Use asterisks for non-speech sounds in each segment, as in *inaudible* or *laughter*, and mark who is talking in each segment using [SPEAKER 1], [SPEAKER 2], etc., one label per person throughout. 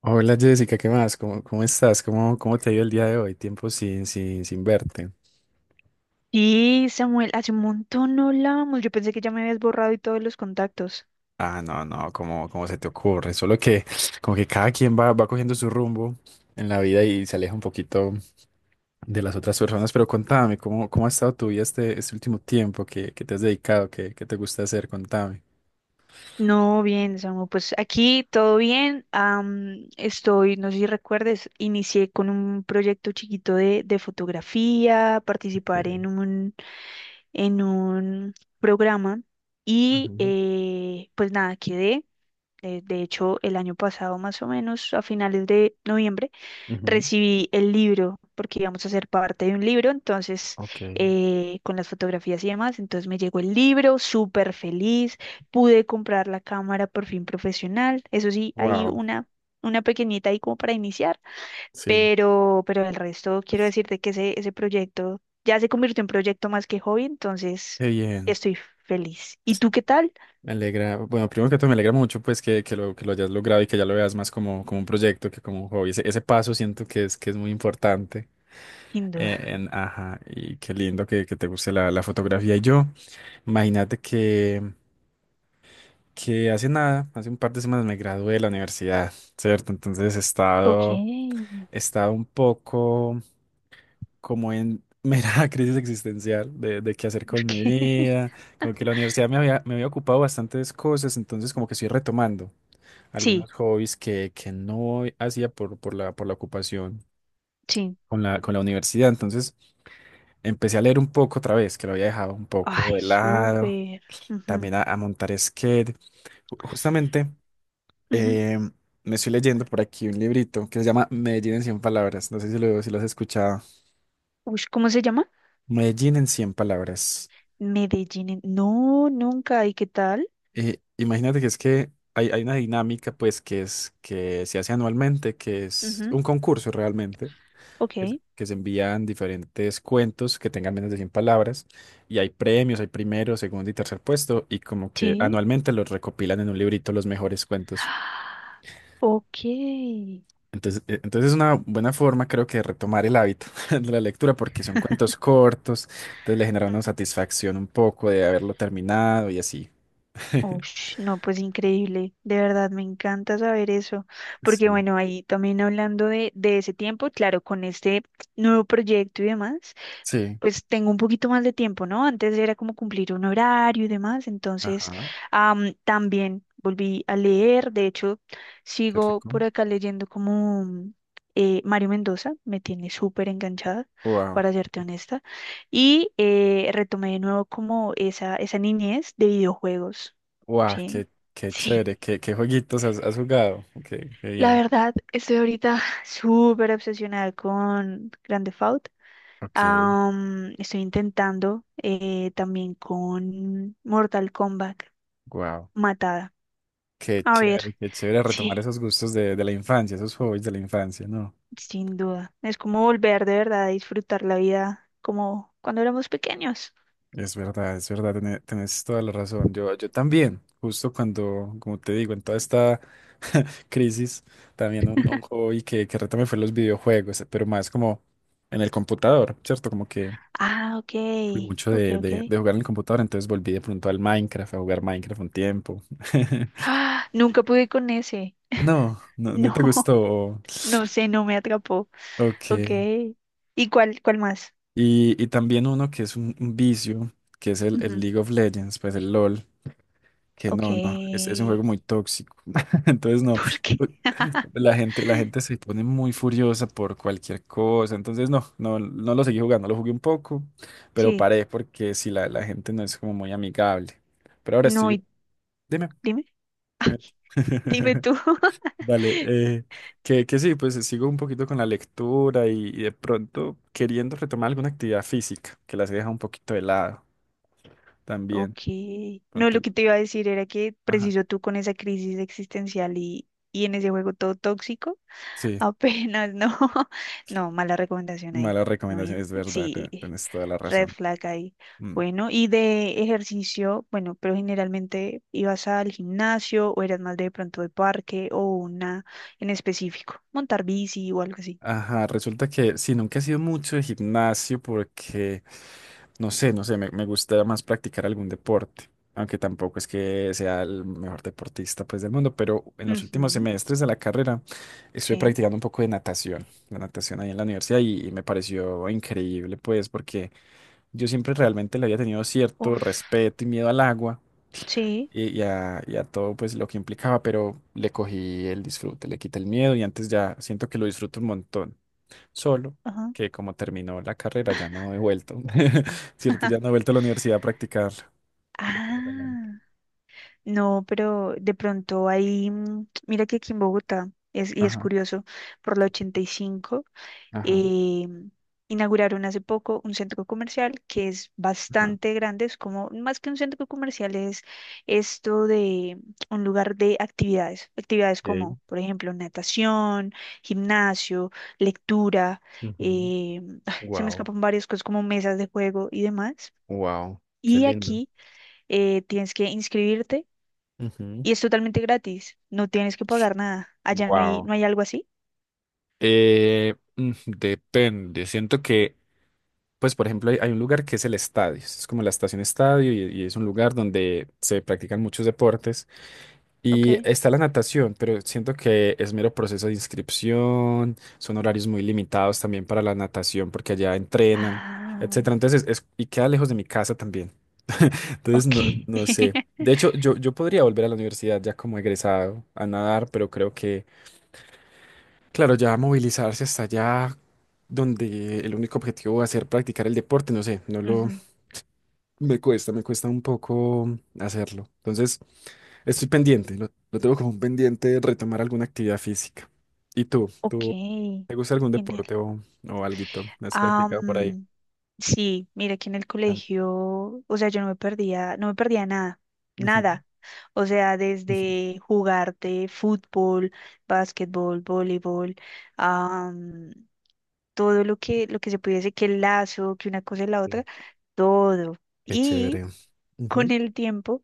[SPEAKER 1] Hola Jessica, ¿qué más? ¿Cómo estás? ¿Cómo te ha ido el día de hoy? Tiempo sin verte.
[SPEAKER 2] Sí, Samuel, hace un montón no hablábamos. Yo pensé que ya me habías borrado y todos los contactos.
[SPEAKER 1] Ah, no, no, ¿cómo se te ocurre? Solo que como que cada quien va cogiendo su rumbo en la vida y se aleja un poquito de las otras personas. Pero contame, ¿cómo ha estado tu vida este último tiempo? ¿Qué te has dedicado? ¿Qué te gusta hacer? Contame.
[SPEAKER 2] No, bien, Samuel, pues aquí todo bien. No sé si recuerdes, inicié con un proyecto chiquito de fotografía, participar
[SPEAKER 1] Okay.
[SPEAKER 2] en un, en un programa y
[SPEAKER 1] Ujú,
[SPEAKER 2] pues nada, quedé. De hecho, el año pasado, más o menos, a finales de noviembre.
[SPEAKER 1] ujú,
[SPEAKER 2] Recibí el libro porque íbamos a ser parte de un libro, entonces
[SPEAKER 1] ok.
[SPEAKER 2] con las fotografías y demás, entonces me llegó el libro, súper feliz, pude comprar la cámara por fin profesional, eso sí, hay
[SPEAKER 1] Wow,
[SPEAKER 2] una pequeñita ahí como para iniciar,
[SPEAKER 1] sí,
[SPEAKER 2] pero el resto quiero decirte que ese proyecto ya se convirtió en proyecto más que hobby, entonces
[SPEAKER 1] qué bien.
[SPEAKER 2] estoy feliz. ¿Y tú qué tal?
[SPEAKER 1] Me alegra, bueno, primero que todo me alegra mucho pues que lo hayas logrado y que ya lo veas más como un proyecto que como un hobby. Ese paso siento que es muy importante.
[SPEAKER 2] Sin duda.
[SPEAKER 1] Ajá, y qué lindo que te guste la fotografía. Y yo, imagínate que hace nada, hace un par de semanas me gradué de la universidad, ¿cierto? Entonces he
[SPEAKER 2] Ok.
[SPEAKER 1] estado, he
[SPEAKER 2] *laughs*
[SPEAKER 1] estado un poco como en mera *laughs* crisis existencial de qué hacer
[SPEAKER 2] ¿Por
[SPEAKER 1] con mi
[SPEAKER 2] qué?
[SPEAKER 1] vida. Como que la universidad me había ocupado bastantes cosas, entonces como que estoy retomando
[SPEAKER 2] Sí,
[SPEAKER 1] algunos hobbies que no hacía por la ocupación
[SPEAKER 2] sí.
[SPEAKER 1] con la universidad. Entonces empecé a leer un poco otra vez, que lo había dejado un poco
[SPEAKER 2] Ay,
[SPEAKER 1] de lado,
[SPEAKER 2] súper. Ujú,
[SPEAKER 1] también a montar skate. Justamente
[SPEAKER 2] ujú.
[SPEAKER 1] eh, me estoy leyendo por aquí un librito que se llama Medellín en 100 palabras. No sé si lo has escuchado.
[SPEAKER 2] Ush, ¿cómo se llama?
[SPEAKER 1] Medellín en 100 palabras.
[SPEAKER 2] Medellín. No, nunca. ¿Y qué tal?
[SPEAKER 1] Imagínate que es que hay una dinámica pues que es que se hace anualmente, que es
[SPEAKER 2] Ujú,
[SPEAKER 1] un concurso realmente
[SPEAKER 2] Ok,
[SPEAKER 1] que se envían diferentes cuentos que tengan menos de 100 palabras y hay premios, hay primero, segundo y tercer puesto y como que
[SPEAKER 2] sí.
[SPEAKER 1] anualmente los recopilan en un librito los mejores cuentos.
[SPEAKER 2] Ah, Ok.
[SPEAKER 1] Entonces, entonces es una buena forma creo que de retomar el hábito *laughs* de la lectura porque son cuentos cortos, entonces le genera una satisfacción un poco de haberlo terminado y así. *laughs*
[SPEAKER 2] Ush, no, pues increíble. De verdad, me encanta saber eso. Porque
[SPEAKER 1] Sí.
[SPEAKER 2] bueno, ahí también hablando de ese tiempo, claro, con este nuevo proyecto y demás.
[SPEAKER 1] Sí,
[SPEAKER 2] Pues tengo un poquito más de tiempo, ¿no? Antes era como cumplir un horario y demás, entonces
[SPEAKER 1] ajá,
[SPEAKER 2] también volví a leer, de hecho
[SPEAKER 1] qué
[SPEAKER 2] sigo
[SPEAKER 1] rico.
[SPEAKER 2] por acá leyendo como Mario Mendoza, me tiene súper enganchada,
[SPEAKER 1] Wow,
[SPEAKER 2] para serte honesta, y retomé de nuevo como esa niñez de videojuegos,
[SPEAKER 1] wow,
[SPEAKER 2] ¿sí?
[SPEAKER 1] qué
[SPEAKER 2] Sí,
[SPEAKER 1] chévere, qué jueguitos has jugado. Ok, qué
[SPEAKER 2] la
[SPEAKER 1] bien.
[SPEAKER 2] verdad, estoy ahorita *laughs* súper obsesionada con Grand Theft Auto.
[SPEAKER 1] Ok,
[SPEAKER 2] Estoy intentando también con Mortal Kombat,
[SPEAKER 1] wow.
[SPEAKER 2] Matada. A ver,
[SPEAKER 1] Qué chévere retomar
[SPEAKER 2] sí,
[SPEAKER 1] esos gustos de la infancia, esos hobbies de la infancia, ¿no?
[SPEAKER 2] sin duda. Es como volver de verdad a disfrutar la vida como cuando éramos pequeños.
[SPEAKER 1] Es verdad, tenés toda la razón. Yo también, justo cuando, como te digo, en toda esta *laughs* crisis, también un hobby que retomé fue los videojuegos, pero más como en el computador, ¿cierto? Como que
[SPEAKER 2] Ah, ok,
[SPEAKER 1] fui mucho
[SPEAKER 2] ok,
[SPEAKER 1] de,
[SPEAKER 2] ok.
[SPEAKER 1] de, de jugar en el computador, entonces volví de pronto al Minecraft, a jugar Minecraft un tiempo. *laughs*
[SPEAKER 2] Ah, nunca pude con ese.
[SPEAKER 1] No, no, no
[SPEAKER 2] No,
[SPEAKER 1] te
[SPEAKER 2] *laughs*
[SPEAKER 1] gustó.
[SPEAKER 2] no sé, no me atrapó.
[SPEAKER 1] Ok.
[SPEAKER 2] Ok. ¿Y cuál más?
[SPEAKER 1] Y también uno que es un vicio, que es el
[SPEAKER 2] Ujú,
[SPEAKER 1] League of Legends, pues el LOL, que
[SPEAKER 2] Ok.
[SPEAKER 1] no, no, es un juego muy
[SPEAKER 2] *laughs*
[SPEAKER 1] tóxico. *laughs* Entonces no,
[SPEAKER 2] ¿Por qué? *laughs*
[SPEAKER 1] la gente se pone muy furiosa por cualquier cosa. Entonces no, no, no lo seguí jugando, lo jugué un poco, pero
[SPEAKER 2] Sí.
[SPEAKER 1] paré porque si la gente no es como muy amigable. Pero ahora
[SPEAKER 2] No,
[SPEAKER 1] estoy,
[SPEAKER 2] y
[SPEAKER 1] dime,
[SPEAKER 2] dime,
[SPEAKER 1] dime.
[SPEAKER 2] dime
[SPEAKER 1] *laughs*
[SPEAKER 2] tú.
[SPEAKER 1] Vale,
[SPEAKER 2] *laughs*
[SPEAKER 1] que sí, pues sigo un poquito con la lectura y de pronto queriendo retomar alguna actividad física, que las he dejado un poquito de lado también.
[SPEAKER 2] Ok. No,
[SPEAKER 1] Pronto
[SPEAKER 2] lo que te iba a decir era que
[SPEAKER 1] Ajá,
[SPEAKER 2] preciso tú con esa crisis existencial y en ese juego todo tóxico,
[SPEAKER 1] sí,
[SPEAKER 2] apenas no. *laughs* No, mala recomendación ahí.
[SPEAKER 1] mala
[SPEAKER 2] No
[SPEAKER 1] recomendación,
[SPEAKER 2] bien.
[SPEAKER 1] es verdad,
[SPEAKER 2] Sí,
[SPEAKER 1] tienes toda la
[SPEAKER 2] red
[SPEAKER 1] razón.
[SPEAKER 2] flag ahí.
[SPEAKER 1] Mm.
[SPEAKER 2] Bueno, y de ejercicio, bueno, pero generalmente ibas al gimnasio o eras más de pronto de parque o una en específico, montar bici o algo así.
[SPEAKER 1] Ajá, resulta que sí, nunca he sido mucho de gimnasio porque no sé, no sé, me gusta más practicar algún deporte, aunque tampoco es que sea el mejor deportista pues del mundo, pero en los últimos
[SPEAKER 2] Ujú,
[SPEAKER 1] semestres de la carrera estuve
[SPEAKER 2] sí.
[SPEAKER 1] practicando un poco de natación, la natación ahí en la universidad y me pareció increíble pues porque yo siempre realmente le había tenido cierto
[SPEAKER 2] Uf,
[SPEAKER 1] respeto y miedo al agua
[SPEAKER 2] sí.
[SPEAKER 1] y a todo pues lo que implicaba, pero le cogí el disfrute, le quité el miedo y antes ya siento que lo disfruto un montón. Solo
[SPEAKER 2] Ajá.
[SPEAKER 1] que como terminó la carrera ya no he vuelto, *laughs* ¿cierto? Ya no he
[SPEAKER 2] *laughs*
[SPEAKER 1] vuelto a la universidad a practicar. Desafortunadamente.
[SPEAKER 2] Ah. No, pero de pronto ahí, mira que aquí en Bogotá, y es
[SPEAKER 1] Ajá,
[SPEAKER 2] curioso, por la 85,
[SPEAKER 1] ajá,
[SPEAKER 2] eh, inauguraron hace poco un centro comercial que es
[SPEAKER 1] ajá.
[SPEAKER 2] bastante grande, es como, más que un centro comercial, es esto de un lugar de actividades, actividades
[SPEAKER 1] Okay.
[SPEAKER 2] como, por ejemplo, natación, gimnasio, lectura, eh, *laughs* *sighs* se me
[SPEAKER 1] Wow,
[SPEAKER 2] escapan varias cosas como mesas de juego y demás.
[SPEAKER 1] wow, qué
[SPEAKER 2] Y
[SPEAKER 1] lindo.
[SPEAKER 2] aquí tienes que inscribirte
[SPEAKER 1] Ujú,
[SPEAKER 2] y es totalmente gratis, no tienes que pagar nada. Allá no hay,
[SPEAKER 1] wow.
[SPEAKER 2] no hay algo así.
[SPEAKER 1] Depende. Siento que Pues, por ejemplo, hay un lugar que es el estadio. Es como la estación estadio y es un lugar donde se practican muchos deportes. Y
[SPEAKER 2] Ok.
[SPEAKER 1] está la natación, pero siento que es mero proceso de inscripción. Son horarios muy limitados también para la natación porque allá entrenan,
[SPEAKER 2] Ah,
[SPEAKER 1] etcétera. Entonces, y queda lejos de mi casa también. *laughs* Entonces,
[SPEAKER 2] ok.
[SPEAKER 1] no, no sé.
[SPEAKER 2] *laughs*
[SPEAKER 1] De hecho, yo podría volver a la universidad ya como egresado a nadar, pero creo que, claro, ya movilizarse hasta allá donde el único objetivo va a ser practicar el deporte, no sé, no lo...
[SPEAKER 2] Ujú,
[SPEAKER 1] Me cuesta un poco hacerlo. Entonces, estoy pendiente, lo tengo como un pendiente de retomar alguna actividad física. ¿Y tú?
[SPEAKER 2] Ok,
[SPEAKER 1] ¿Tú te gusta algún
[SPEAKER 2] genial.
[SPEAKER 1] deporte o alguito? ¿Has practicado por ahí?
[SPEAKER 2] Am, sí, mira que en el
[SPEAKER 1] Tam-
[SPEAKER 2] colegio, o sea, yo no me perdía nada,
[SPEAKER 1] Ujú,
[SPEAKER 2] nada. O sea,
[SPEAKER 1] ujú,
[SPEAKER 2] desde jugarte fútbol, básquetbol, voleibol, am, todo lo que se pudiese, que el lazo, que una cosa y la
[SPEAKER 1] sí.
[SPEAKER 2] otra, todo.
[SPEAKER 1] Qué chévere.
[SPEAKER 2] Con
[SPEAKER 1] Ujú,
[SPEAKER 2] el tiempo.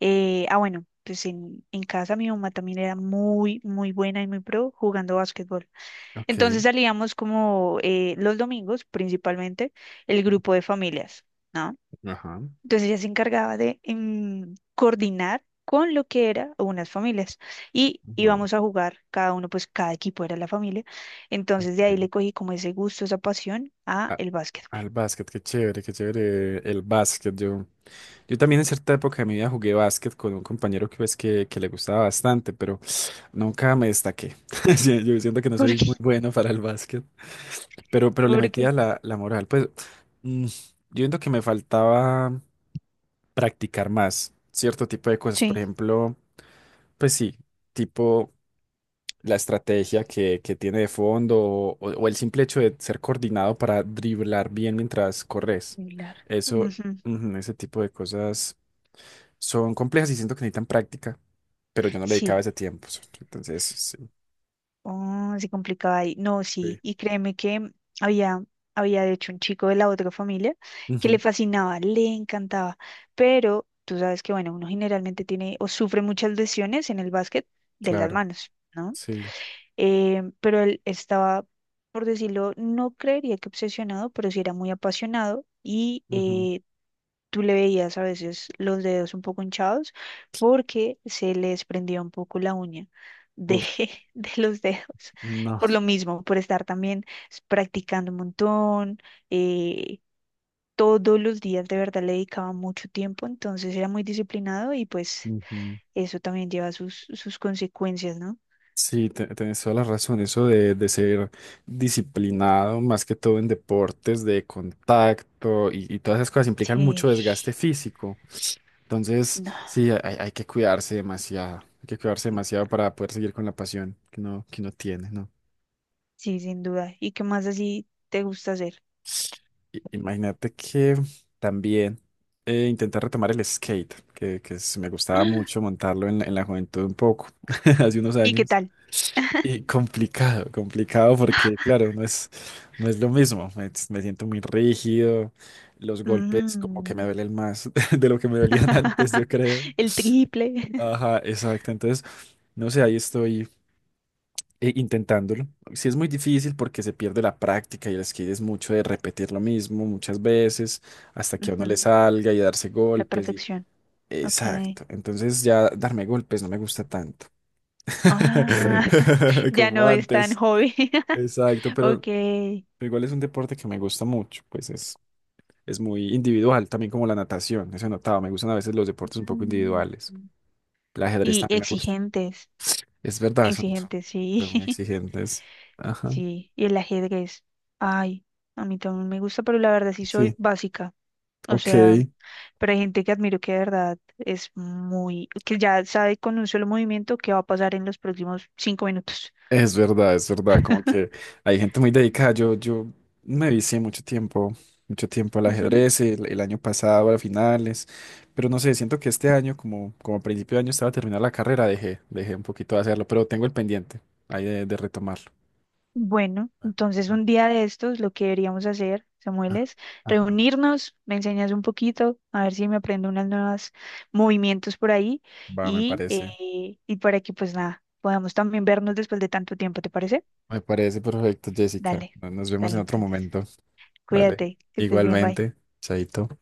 [SPEAKER 2] Ah, bueno, pues en casa mi mamá también era muy, muy buena y muy pro jugando básquetbol.
[SPEAKER 1] ok.
[SPEAKER 2] Entonces salíamos como los domingos, principalmente, el grupo de familias, ¿no?
[SPEAKER 1] Ajá.
[SPEAKER 2] Entonces ella se encargaba de coordinar con lo que era unas familias y
[SPEAKER 1] Wow.
[SPEAKER 2] íbamos a jugar, cada uno, pues cada equipo era la familia. Entonces de ahí
[SPEAKER 1] Ok.
[SPEAKER 2] le cogí como ese gusto, esa pasión a
[SPEAKER 1] A-
[SPEAKER 2] el básquetbol.
[SPEAKER 1] Al básquet, qué chévere el básquet. Yo también en cierta época de mi vida jugué básquet con un compañero que, pues, que le gustaba bastante, pero nunca me destaqué. *laughs* Sí, yo siento que
[SPEAKER 2] *laughs*
[SPEAKER 1] no
[SPEAKER 2] ¿Por
[SPEAKER 1] soy
[SPEAKER 2] qué?
[SPEAKER 1] muy bueno para el básquet, pero le metía
[SPEAKER 2] Porque
[SPEAKER 1] la moral. Pues, yo siento que me faltaba practicar más cierto tipo de cosas. Por
[SPEAKER 2] sí,
[SPEAKER 1] ejemplo, pues sí, tipo la estrategia que tiene de fondo o el simple hecho de ser coordinado para driblar bien mientras corres.
[SPEAKER 2] similar.
[SPEAKER 1] Eso,
[SPEAKER 2] Ujú.
[SPEAKER 1] ujú, ese tipo de cosas son complejas y siento que necesitan práctica, pero yo no le dedicaba
[SPEAKER 2] Sí,
[SPEAKER 1] ese tiempo. Entonces, sí.
[SPEAKER 2] Oh, se complicaba ahí. No, sí.
[SPEAKER 1] Sí.
[SPEAKER 2] Y créeme que había, había de hecho un chico de la otra familia que le
[SPEAKER 1] Ujú,
[SPEAKER 2] fascinaba, le encantaba. Pero tú sabes que, bueno, uno generalmente tiene o sufre muchas lesiones en el básquet de las
[SPEAKER 1] claro,
[SPEAKER 2] manos, ¿no?
[SPEAKER 1] sí.
[SPEAKER 2] Pero él estaba, por decirlo, no creería que obsesionado, pero sí era muy apasionado y
[SPEAKER 1] Ujú.
[SPEAKER 2] tú le veías a veces los dedos un poco hinchados porque se les prendía un poco la uña de,
[SPEAKER 1] Uf,
[SPEAKER 2] *laughs* de los dedos.
[SPEAKER 1] no.
[SPEAKER 2] Por lo mismo, por estar también practicando un montón, eh, todos los días de verdad le dedicaba mucho tiempo, entonces era muy disciplinado y pues
[SPEAKER 1] Ujú.
[SPEAKER 2] eso también lleva sus consecuencias, ¿no?
[SPEAKER 1] Sí, tenés toda la razón. Eso de ser disciplinado, más que todo en deportes de contacto y todas esas cosas implican mucho
[SPEAKER 2] Sí,
[SPEAKER 1] desgaste físico. Entonces,
[SPEAKER 2] *sighs* no,
[SPEAKER 1] sí, hay que cuidarse demasiado, hay que cuidarse demasiado para poder seguir con la pasión que uno tiene, ¿no?
[SPEAKER 2] sí, sin duda. ¿Y qué más así te gusta hacer?
[SPEAKER 1] Imagínate que también intenté retomar el skate, que me gustaba
[SPEAKER 2] *gasps*
[SPEAKER 1] mucho montarlo en la juventud un poco, *laughs* hace unos
[SPEAKER 2] ¿Y qué
[SPEAKER 1] años.
[SPEAKER 2] tal? *laughs*
[SPEAKER 1] Y complicado, complicado porque, claro, no es lo mismo, me siento muy rígido, los golpes como que me
[SPEAKER 2] Mm,
[SPEAKER 1] duelen más *laughs* de lo que me dolían *laughs* antes, yo
[SPEAKER 2] *laughs*
[SPEAKER 1] creo.
[SPEAKER 2] El triple.
[SPEAKER 1] Ajá, exacto, entonces... No sé, ahí estoy intentándolo. Sí es muy difícil porque se pierde la práctica y el skate es mucho de repetir lo mismo muchas veces hasta
[SPEAKER 2] *laughs*
[SPEAKER 1] que a uno le
[SPEAKER 2] Ujú,
[SPEAKER 1] salga y darse
[SPEAKER 2] La
[SPEAKER 1] golpes y...
[SPEAKER 2] perfección. Ok.
[SPEAKER 1] Exacto. Entonces ya darme golpes no me gusta tanto. *laughs*
[SPEAKER 2] Ah, *laughs* ya
[SPEAKER 1] Como
[SPEAKER 2] no es tan
[SPEAKER 1] antes.
[SPEAKER 2] joven. *laughs*
[SPEAKER 1] Exacto,
[SPEAKER 2] Ok.
[SPEAKER 1] pero igual es un deporte que me gusta mucho, pues es muy individual, también como la natación, eso he notado, me gustan a veces los deportes un poco
[SPEAKER 2] Mm,
[SPEAKER 1] individuales, el ajedrez
[SPEAKER 2] Y
[SPEAKER 1] también me gusta,
[SPEAKER 2] exigentes.
[SPEAKER 1] es verdad, son, son
[SPEAKER 2] Exigentes, sí.
[SPEAKER 1] son muy
[SPEAKER 2] *laughs*
[SPEAKER 1] exigentes, ajá,
[SPEAKER 2] Sí. Y el ajedrez. Ay, a mí también me gusta, pero la verdad sí soy
[SPEAKER 1] sí,
[SPEAKER 2] básica. O
[SPEAKER 1] ok.
[SPEAKER 2] sea, pero hay gente que admiro que de verdad es muy, que ya sabe con un solo movimiento qué va a pasar en los próximos 5 minutos.
[SPEAKER 1] Es verdad, como que hay gente muy dedicada. Yo me vicié mucho tiempo al
[SPEAKER 2] *laughs*
[SPEAKER 1] ajedrez, el año pasado, a finales, pero no sé, siento que este año, como a principio de año estaba terminando la carrera, dejé un poquito de hacerlo, pero tengo el pendiente ahí de retomarlo.
[SPEAKER 2] Bueno, entonces
[SPEAKER 1] Ajá,
[SPEAKER 2] un día de estos lo que deberíamos hacer, Samuel,
[SPEAKER 1] ajá,
[SPEAKER 2] es
[SPEAKER 1] ajá.
[SPEAKER 2] reunirnos, me enseñas un poquito, a ver si me aprendo unos nuevos movimientos por ahí
[SPEAKER 1] Va, me
[SPEAKER 2] y,
[SPEAKER 1] parece,
[SPEAKER 2] eh, y para que pues nada, podamos también vernos después de tanto tiempo, ¿te parece?
[SPEAKER 1] me parece perfecto, Jessica.
[SPEAKER 2] Dale,
[SPEAKER 1] Nos vemos en
[SPEAKER 2] dale
[SPEAKER 1] otro
[SPEAKER 2] entonces.
[SPEAKER 1] momento. Vale.
[SPEAKER 2] Cuídate, que estés bien, bye.
[SPEAKER 1] Igualmente, Chaito.